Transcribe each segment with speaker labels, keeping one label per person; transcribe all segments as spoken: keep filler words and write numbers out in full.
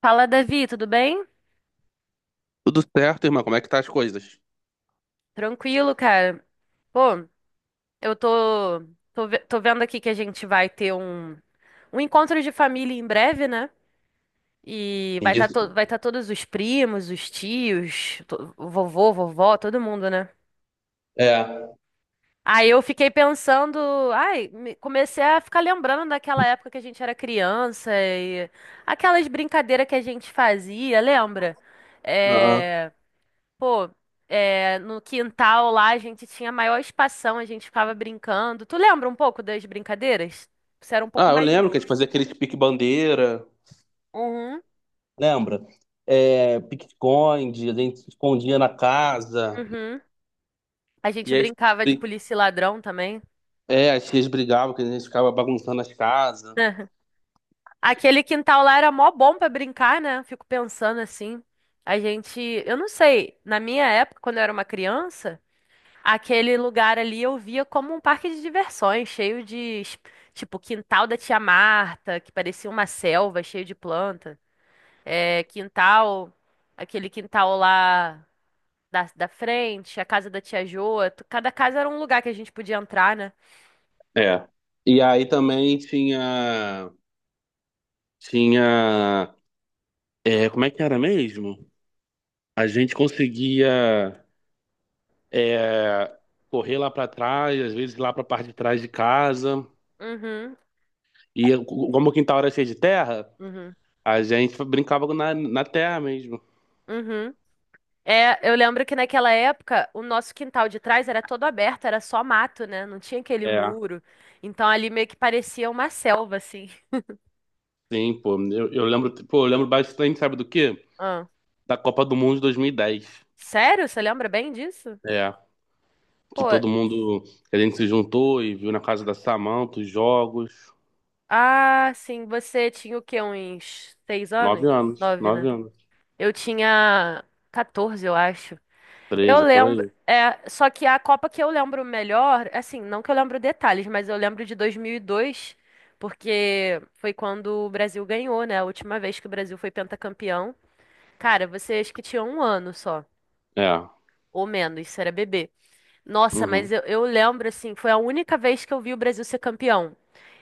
Speaker 1: Fala, Davi, tudo bem?
Speaker 2: Tudo certo, irmão? Como é que tá as coisas?
Speaker 1: Tranquilo, cara. Pô, eu tô, tô, ve- tô vendo aqui que a gente vai ter um, um encontro de família em breve, né? E vai estar tá to,
Speaker 2: Isso.
Speaker 1: vai tá todos os primos, os tios, to- o vovô, vovó, todo mundo, né?
Speaker 2: É,
Speaker 1: Aí eu fiquei pensando, ai, me- comecei a ficar lembrando daquela época que a gente era criança e aquelas brincadeiras que a gente fazia, lembra?
Speaker 2: Aham.
Speaker 1: É. Pô, é, no quintal lá a gente tinha maior espação, a gente ficava brincando. Tu lembra um pouco das brincadeiras? Você era um pouco
Speaker 2: Ah, eu
Speaker 1: mais
Speaker 2: lembro que a
Speaker 1: novo.
Speaker 2: gente fazia aquele pique-bandeira,
Speaker 1: Uhum,
Speaker 2: lembra? É, pique-esconde, a gente se escondia na casa.
Speaker 1: uhum. A gente
Speaker 2: E aí
Speaker 1: brincava de
Speaker 2: bri-
Speaker 1: polícia e ladrão também.
Speaker 2: é, as tias brigavam, que a gente ficava bagunçando as casas.
Speaker 1: Aquele quintal lá era mó bom pra brincar, né? Fico pensando assim. A gente, eu não sei, na minha época, quando eu era uma criança, aquele lugar ali eu via como um parque de diversões, cheio de, es- tipo, quintal da tia Marta, que parecia uma selva, cheio de plantas. é, quintal, Aquele quintal lá da, da frente, a casa da tia Joa. tu- Cada casa era um lugar que a gente podia entrar, né?
Speaker 2: É. E aí também tinha, tinha, é, como é que era mesmo? A gente conseguia, é, correr lá pra trás, às vezes lá pra parte de trás de casa.
Speaker 1: Uhum.
Speaker 2: E
Speaker 1: É,
Speaker 2: como o quintal era cheio de terra,
Speaker 1: uhum.
Speaker 2: a gente brincava na, na terra mesmo.
Speaker 1: Uhum. É, eu lembro que naquela época o nosso quintal de trás era todo aberto, era só mato, né? Não tinha aquele
Speaker 2: É,
Speaker 1: muro. Então ali meio que parecia uma selva, assim.
Speaker 2: sim, pô. Eu, eu lembro, pô, eu lembro bastante, sabe do quê?
Speaker 1: Ah.
Speaker 2: Da Copa do Mundo de dois mil e dez.
Speaker 1: Sério? Você lembra bem disso?
Speaker 2: É, que
Speaker 1: Pô,
Speaker 2: todo mundo, que a gente se juntou e viu na casa da Samantha os jogos.
Speaker 1: ah, sim, você tinha o quê? Uns seis anos?
Speaker 2: Nove anos,
Speaker 1: Nove,
Speaker 2: nove
Speaker 1: né?
Speaker 2: anos.
Speaker 1: Eu tinha quatorze, eu acho. Eu
Speaker 2: Treze, por
Speaker 1: lembro,
Speaker 2: aí.
Speaker 1: é, só que a Copa que eu lembro melhor, assim, não que eu lembro detalhes, mas eu lembro de dois mil e dois, porque foi quando o Brasil ganhou, né? A última vez que o Brasil foi pentacampeão. Cara, você acho que tinha um ano só,
Speaker 2: É,
Speaker 1: ou menos, isso era bebê. Nossa, mas
Speaker 2: uhum,
Speaker 1: eu, eu lembro, assim, foi a única vez que eu vi o Brasil ser campeão.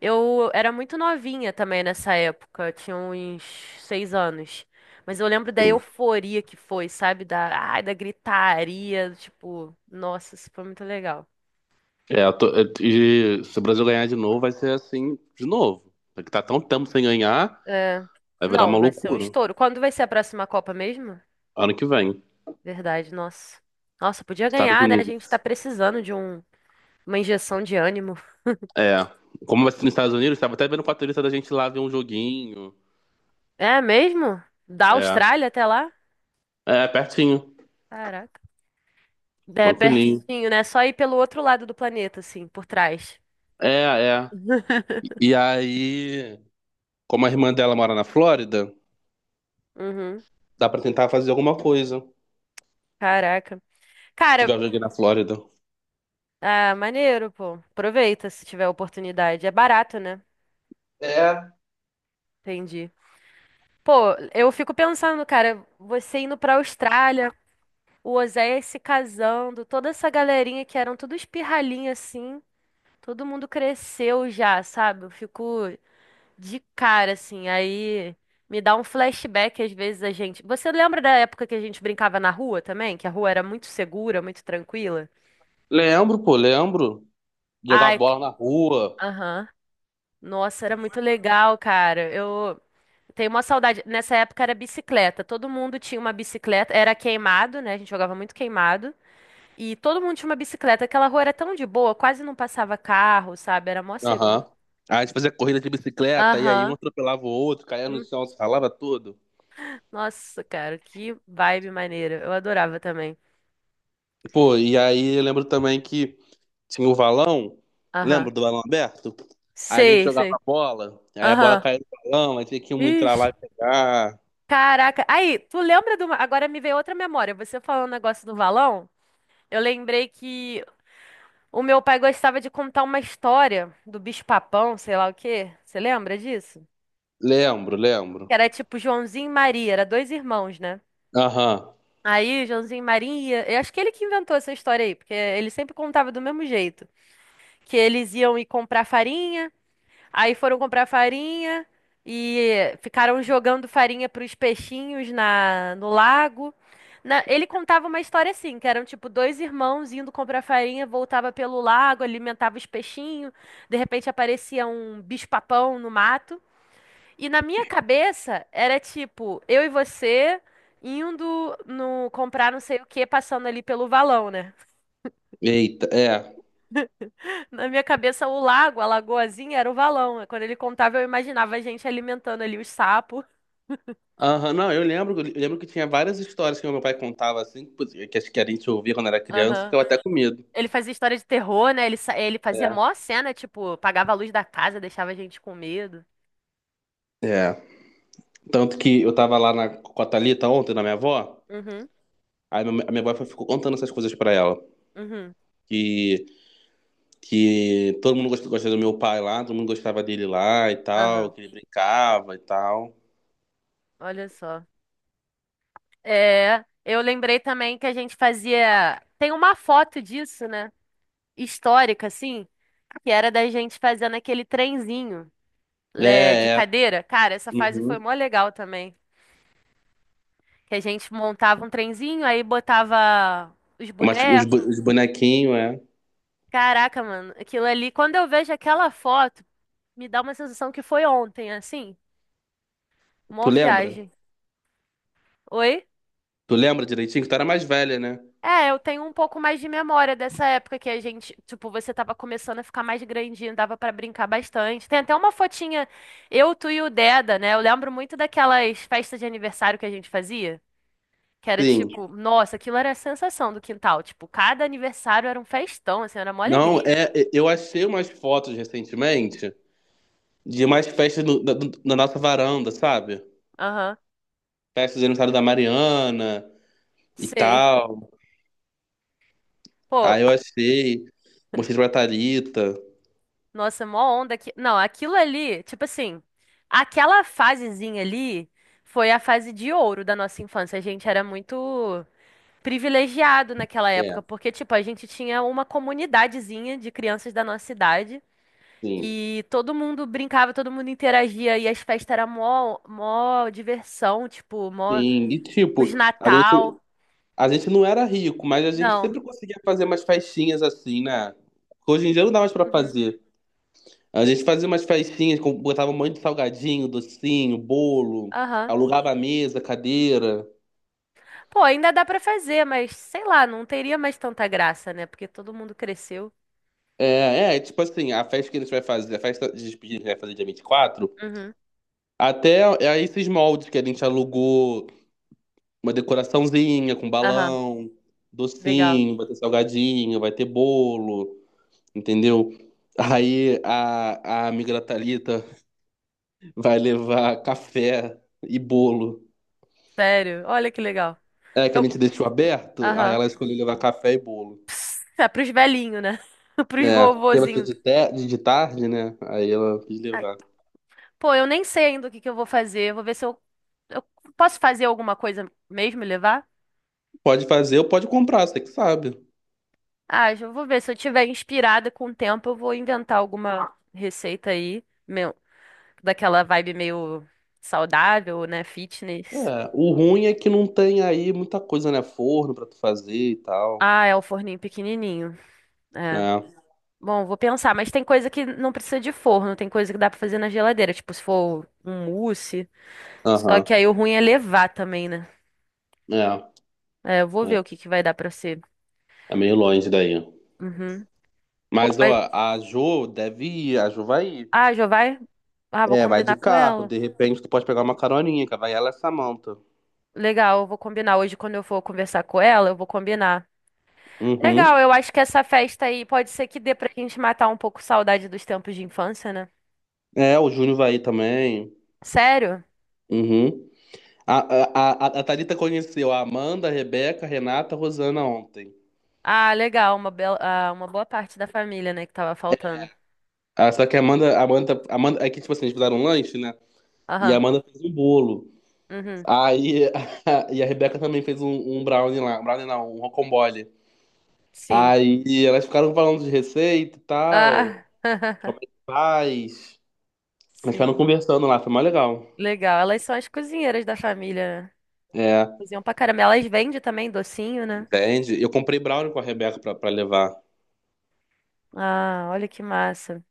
Speaker 1: Eu era muito novinha também nessa época, eu tinha uns seis anos. Mas eu lembro da
Speaker 2: sim.
Speaker 1: euforia que foi, sabe? Da, ai, da gritaria, tipo, nossa, isso foi muito legal.
Speaker 2: É, eu tô- eu- e se o Brasil ganhar de novo, vai ser assim de novo. Porque tá tão tempo sem ganhar,
Speaker 1: É.
Speaker 2: vai virar
Speaker 1: Não,
Speaker 2: uma
Speaker 1: vai ser um
Speaker 2: loucura.
Speaker 1: estouro. Quando vai ser a próxima Copa mesmo?
Speaker 2: Ano que vem,
Speaker 1: Verdade, nossa. Nossa, podia
Speaker 2: Estados
Speaker 1: ganhar, né? A
Speaker 2: Unidos.
Speaker 1: gente tá precisando de um, uma injeção de ânimo.
Speaker 2: É. Como vai ser nos Estados Unidos, tava até vendo o patrulhista da gente lá ver um joguinho.
Speaker 1: É mesmo? Da
Speaker 2: É.
Speaker 1: Austrália até lá?
Speaker 2: É, pertinho.
Speaker 1: Caraca. É
Speaker 2: Tranquilinho.
Speaker 1: pertinho, né? Só ir pelo outro lado do planeta, assim, por trás.
Speaker 2: É, é. E aí, como a irmã dela mora na Flórida,
Speaker 1: Uhum.
Speaker 2: dá pra tentar fazer alguma coisa. Se
Speaker 1: Caraca. Cara,
Speaker 2: tiver um joguinho na Flórida.
Speaker 1: ah, maneiro, pô. Aproveita se tiver oportunidade. É barato, né?
Speaker 2: É.
Speaker 1: Entendi. Pô, eu fico pensando, cara, você indo pra Austrália, o Oséias se casando, toda essa galerinha que eram tudo espirralinha assim, todo mundo cresceu já, sabe? Eu fico de cara, assim. Aí me dá um flashback às vezes a gente. Você lembra da época que a gente brincava na rua também? Que a rua era muito segura, muito tranquila?
Speaker 2: Lembro, pô, lembro. Jogar
Speaker 1: Ai,
Speaker 2: bola na rua.
Speaker 1: aham. Nossa, era muito legal, cara. Eu tenho uma saudade. Nessa época era bicicleta. Todo mundo tinha uma bicicleta. Era queimado, né? A gente jogava muito queimado. E todo mundo tinha uma bicicleta. Aquela rua era tão de boa, quase não passava carro, sabe? Era mó seguro.
Speaker 2: Aham. Aí a gente fazia corrida de bicicleta, e aí um
Speaker 1: Aham.
Speaker 2: atropelava o outro, caía no
Speaker 1: Hum,
Speaker 2: chão, se ralava todo.
Speaker 1: Nossa, cara, que vibe maneira. Eu adorava também.
Speaker 2: Pô, e aí eu lembro também que tinha um valão, lembra
Speaker 1: Aham.
Speaker 2: do valão aberto? A gente
Speaker 1: Sei,
Speaker 2: jogava a
Speaker 1: sei.
Speaker 2: bola, aí a bola
Speaker 1: Aham.
Speaker 2: caía no valão, aí tinha que um entrar
Speaker 1: Ixi.
Speaker 2: lá e pegar.
Speaker 1: Caraca. Aí, tu lembra de uma. Agora me veio outra memória. Você falando o negócio do valão? Eu lembrei que o meu pai gostava de contar uma história do bicho-papão, sei lá o quê. Você lembra disso?
Speaker 2: Lembro,
Speaker 1: Que
Speaker 2: lembro.
Speaker 1: era tipo Joãozinho e Maria, era dois irmãos, né?
Speaker 2: Aham.
Speaker 1: Aí, Joãozinho e Maria, eu acho que ele que inventou essa história aí, porque ele sempre contava do mesmo jeito, que eles iam ir comprar farinha, aí foram comprar farinha e ficaram jogando farinha pros peixinhos na no lago. Na- ele contava uma história assim, que eram tipo dois irmãos indo comprar farinha, voltava pelo lago, alimentava os peixinhos, de repente aparecia um bicho-papão no mato. E na minha cabeça era tipo, eu e você indo no comprar não sei o que, passando ali pelo valão, né?
Speaker 2: Eita, é.
Speaker 1: Na minha cabeça, o lago, a lagoazinha, era o valão, né? Quando ele contava, eu imaginava a gente alimentando ali os sapos.
Speaker 2: Aham, não, eu lembro, eu lembro que tinha várias histórias que meu pai contava assim, que que acho que a gente ouvia quando era criança,
Speaker 1: Aham.
Speaker 2: ficava até com medo.
Speaker 1: Ele fazia história de terror, né? Ele, sa- ele fazia
Speaker 2: É.
Speaker 1: mó cena, tipo, apagava a luz da casa, deixava a gente com medo.
Speaker 2: É. Tanto que eu tava lá na, com a Thalita ontem, na minha avó,
Speaker 1: Uhum,
Speaker 2: aí meu- a minha avó ficou contando essas coisas pra ela.
Speaker 1: uhum,
Speaker 2: Que que todo mundo gosta, gosta do meu pai lá, todo mundo gostava dele lá e tal,
Speaker 1: aham.
Speaker 2: que ele brincava e tal.
Speaker 1: Olha só. É, eu lembrei também que a gente fazia. Tem uma foto disso, né? Histórica, assim, que era da gente fazendo aquele trenzinho, é, de
Speaker 2: É, é.
Speaker 1: cadeira. Cara, essa fase foi
Speaker 2: Uhum.
Speaker 1: mó legal também. Que a gente montava um trenzinho, aí botava os
Speaker 2: Mas os, bo-
Speaker 1: bonecos.
Speaker 2: os bonequinhos, é.
Speaker 1: Caraca, mano, aquilo ali, quando eu vejo aquela foto. Me dá uma sensação que foi ontem, assim.
Speaker 2: Tu
Speaker 1: Mó
Speaker 2: lembra?
Speaker 1: viagem. Oi?
Speaker 2: Tu lembra direitinho? Que tu era mais velha, né?
Speaker 1: É, eu tenho um pouco mais de memória dessa época que a gente, tipo, você tava começando a ficar mais grandinho, dava pra brincar bastante. Tem até uma fotinha, eu, tu e o Deda, né? Eu lembro muito daquelas festas de aniversário que a gente fazia, que era
Speaker 2: Sim.
Speaker 1: tipo, nossa, aquilo era a sensação do quintal. Tipo, cada aniversário era um festão, assim, era mó
Speaker 2: Não,
Speaker 1: alegria.
Speaker 2: é, é, eu achei umas fotos
Speaker 1: Uhum.
Speaker 2: recentemente de mais festas no- da, do- na nossa varanda, sabe?
Speaker 1: Aham,
Speaker 2: Festas de aniversário da Mariana e
Speaker 1: sei.
Speaker 2: tal. Aí
Speaker 1: Pô,
Speaker 2: eu achei. Mostrei pra Thalita.
Speaker 1: nossa, mó onda aqui. Não, aquilo ali, tipo assim, aquela fasezinha ali foi a fase de ouro da nossa infância. A gente era muito privilegiado naquela época,
Speaker 2: É,
Speaker 1: porque, tipo, a gente tinha uma comunidadezinha de crianças da nossa idade
Speaker 2: sim.
Speaker 1: e todo mundo brincava, todo mundo interagia e as festas eram mó, mó diversão, tipo, mó
Speaker 2: Sim. E
Speaker 1: os
Speaker 2: tipo, a gente.
Speaker 1: Natal.
Speaker 2: A gente não era rico, mas a gente
Speaker 1: Não.
Speaker 2: sempre conseguia fazer umas festinhas assim, né? Hoje em dia não dá mais pra
Speaker 1: Uhum.
Speaker 2: fazer. A gente fazia umas festinhas, com- botava um monte de salgadinho, docinho, bolo,
Speaker 1: Aham.
Speaker 2: alugava mesa, cadeira.
Speaker 1: Pô, ainda dá pra fazer, mas sei lá, não teria mais tanta graça, né? Porque todo mundo cresceu.
Speaker 2: É, é, tipo assim, a festa que a gente vai fazer, a festa de despedida que a gente vai fazer dia vinte e quatro.
Speaker 1: Uhum.
Speaker 2: Até é esses moldes que a gente alugou, uma decoraçãozinha com
Speaker 1: Aham,
Speaker 2: balão,
Speaker 1: legal.
Speaker 2: docinho, vai ter salgadinho, vai ter bolo, entendeu? Aí a, a amiga da Thalita vai levar café e bolo.
Speaker 1: Sério, olha que legal.
Speaker 2: É, que a
Speaker 1: Eu,
Speaker 2: gente deixou aberto, aí
Speaker 1: aham.
Speaker 2: ela escolheu levar café e bolo.
Speaker 1: É, pros velhinhos, né? Pros
Speaker 2: É, porque vai ser
Speaker 1: vovozinhos.
Speaker 2: de, te- de tarde, né? Aí ela quis
Speaker 1: Ai,
Speaker 2: levar.
Speaker 1: pô, eu nem sei ainda o que que eu vou fazer. Eu vou ver se eu, eu posso fazer alguma coisa mesmo e levar?
Speaker 2: Pode fazer ou pode comprar, você que sabe.
Speaker 1: Ah, eu vou ver. Se eu tiver inspirada com o tempo, eu vou inventar alguma receita aí, meu, daquela vibe meio saudável, né? Fitness.
Speaker 2: É, o ruim é que não tem aí muita coisa, né? Forno pra tu fazer e tal.
Speaker 1: Ah, é o forninho pequenininho. É.
Speaker 2: É,
Speaker 1: Bom, vou pensar, mas tem coisa que não precisa de forno, tem coisa que dá pra fazer na geladeira, tipo se for um mousse. Só
Speaker 2: aham.
Speaker 1: que aí o ruim é levar também, né?
Speaker 2: É,
Speaker 1: É, eu vou
Speaker 2: é,
Speaker 1: ver o que que vai dar pra ser.
Speaker 2: é meio longe daí.
Speaker 1: Uhum. Pô,
Speaker 2: Mas, ó,
Speaker 1: mas.
Speaker 2: a Jo deve ir, a Jo vai ir.
Speaker 1: Ah, já vai? Ah, vou
Speaker 2: É, vai
Speaker 1: combinar
Speaker 2: de
Speaker 1: com
Speaker 2: carro,
Speaker 1: ela.
Speaker 2: de repente tu pode pegar uma caroninha, que vai ela e a Samantha.
Speaker 1: Legal, eu vou combinar. Hoje, quando eu for conversar com ela, eu vou combinar. Legal,
Speaker 2: Uhum.
Speaker 1: eu acho que essa festa aí pode ser que dê pra gente matar um pouco saudade dos tempos de infância, né?
Speaker 2: É, o Júnior vai ir também.
Speaker 1: Sério?
Speaker 2: Uhum. A, a, a, a Thalita conheceu a Amanda, a Rebeca, a Renata, a Rosana ontem.
Speaker 1: Ah, legal, uma bela, ah, uma boa parte da família, né, que tava faltando.
Speaker 2: Ah, só que a Amanda, a Amanda, a Amanda, é que tipo assim, eles fizeram um lanche, né? E a
Speaker 1: Aham,
Speaker 2: Amanda fez um bolo.
Speaker 1: uhum,
Speaker 2: Aí, e a Rebeca também fez um, um brownie lá, um brownie não, um rocambole.
Speaker 1: sim.
Speaker 2: Aí elas ficaram falando de receita e tal,
Speaker 1: Ah,
Speaker 2: como é que faz. Elas ficaram
Speaker 1: sim.
Speaker 2: conversando lá, foi mais legal.
Speaker 1: Legal, elas são as cozinheiras da família, né?
Speaker 2: É,
Speaker 1: Cozinham pra caramba. Elas vendem também docinho, né?
Speaker 2: entende? Eu comprei brownie com a Rebeca pra, pra levar.
Speaker 1: Ah, olha que massa.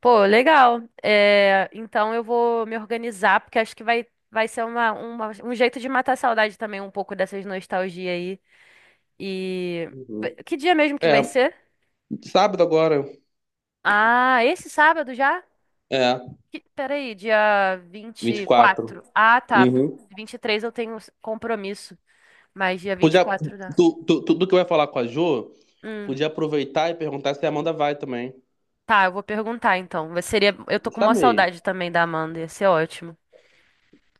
Speaker 1: Pô, legal. É, então eu vou me organizar, porque acho que vai, vai ser uma, uma- um jeito de matar a saudade também, um pouco dessas nostalgia aí. E.
Speaker 2: Uhum.
Speaker 1: Que dia mesmo que
Speaker 2: É,
Speaker 1: vai ser?
Speaker 2: sábado agora.
Speaker 1: Ah, esse sábado já?
Speaker 2: É.
Speaker 1: Que- Peraí, dia vinte e
Speaker 2: vinte e quatro.
Speaker 1: quatro. Ah, tá.
Speaker 2: Uhum.
Speaker 1: Vinte e três eu tenho compromisso, mas dia vinte e
Speaker 2: Podia,
Speaker 1: quatro dá.
Speaker 2: tu, tu, tudo que eu ia falar com a Jo,
Speaker 1: Hum,
Speaker 2: podia aproveitar e perguntar se a Amanda vai também.
Speaker 1: tá, eu vou perguntar então. Seria, eu tô
Speaker 2: Eu
Speaker 1: com uma
Speaker 2: chamei.
Speaker 1: saudade também da Amanda, ia ser ótimo.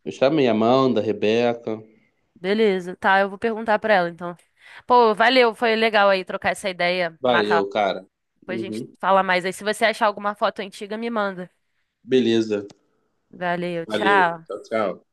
Speaker 2: Eu chamei a Amanda, a Rebeca.
Speaker 1: Beleza, tá, eu vou perguntar pra ela então. Pô, valeu, foi legal aí trocar essa ideia,
Speaker 2: Valeu,
Speaker 1: matar.
Speaker 2: cara.
Speaker 1: Depois a gente
Speaker 2: Uhum.
Speaker 1: fala mais aí. Se você achar alguma foto antiga, me manda.
Speaker 2: Beleza.
Speaker 1: Valeu,
Speaker 2: Valeu.
Speaker 1: tchau.
Speaker 2: Tchau, tchau.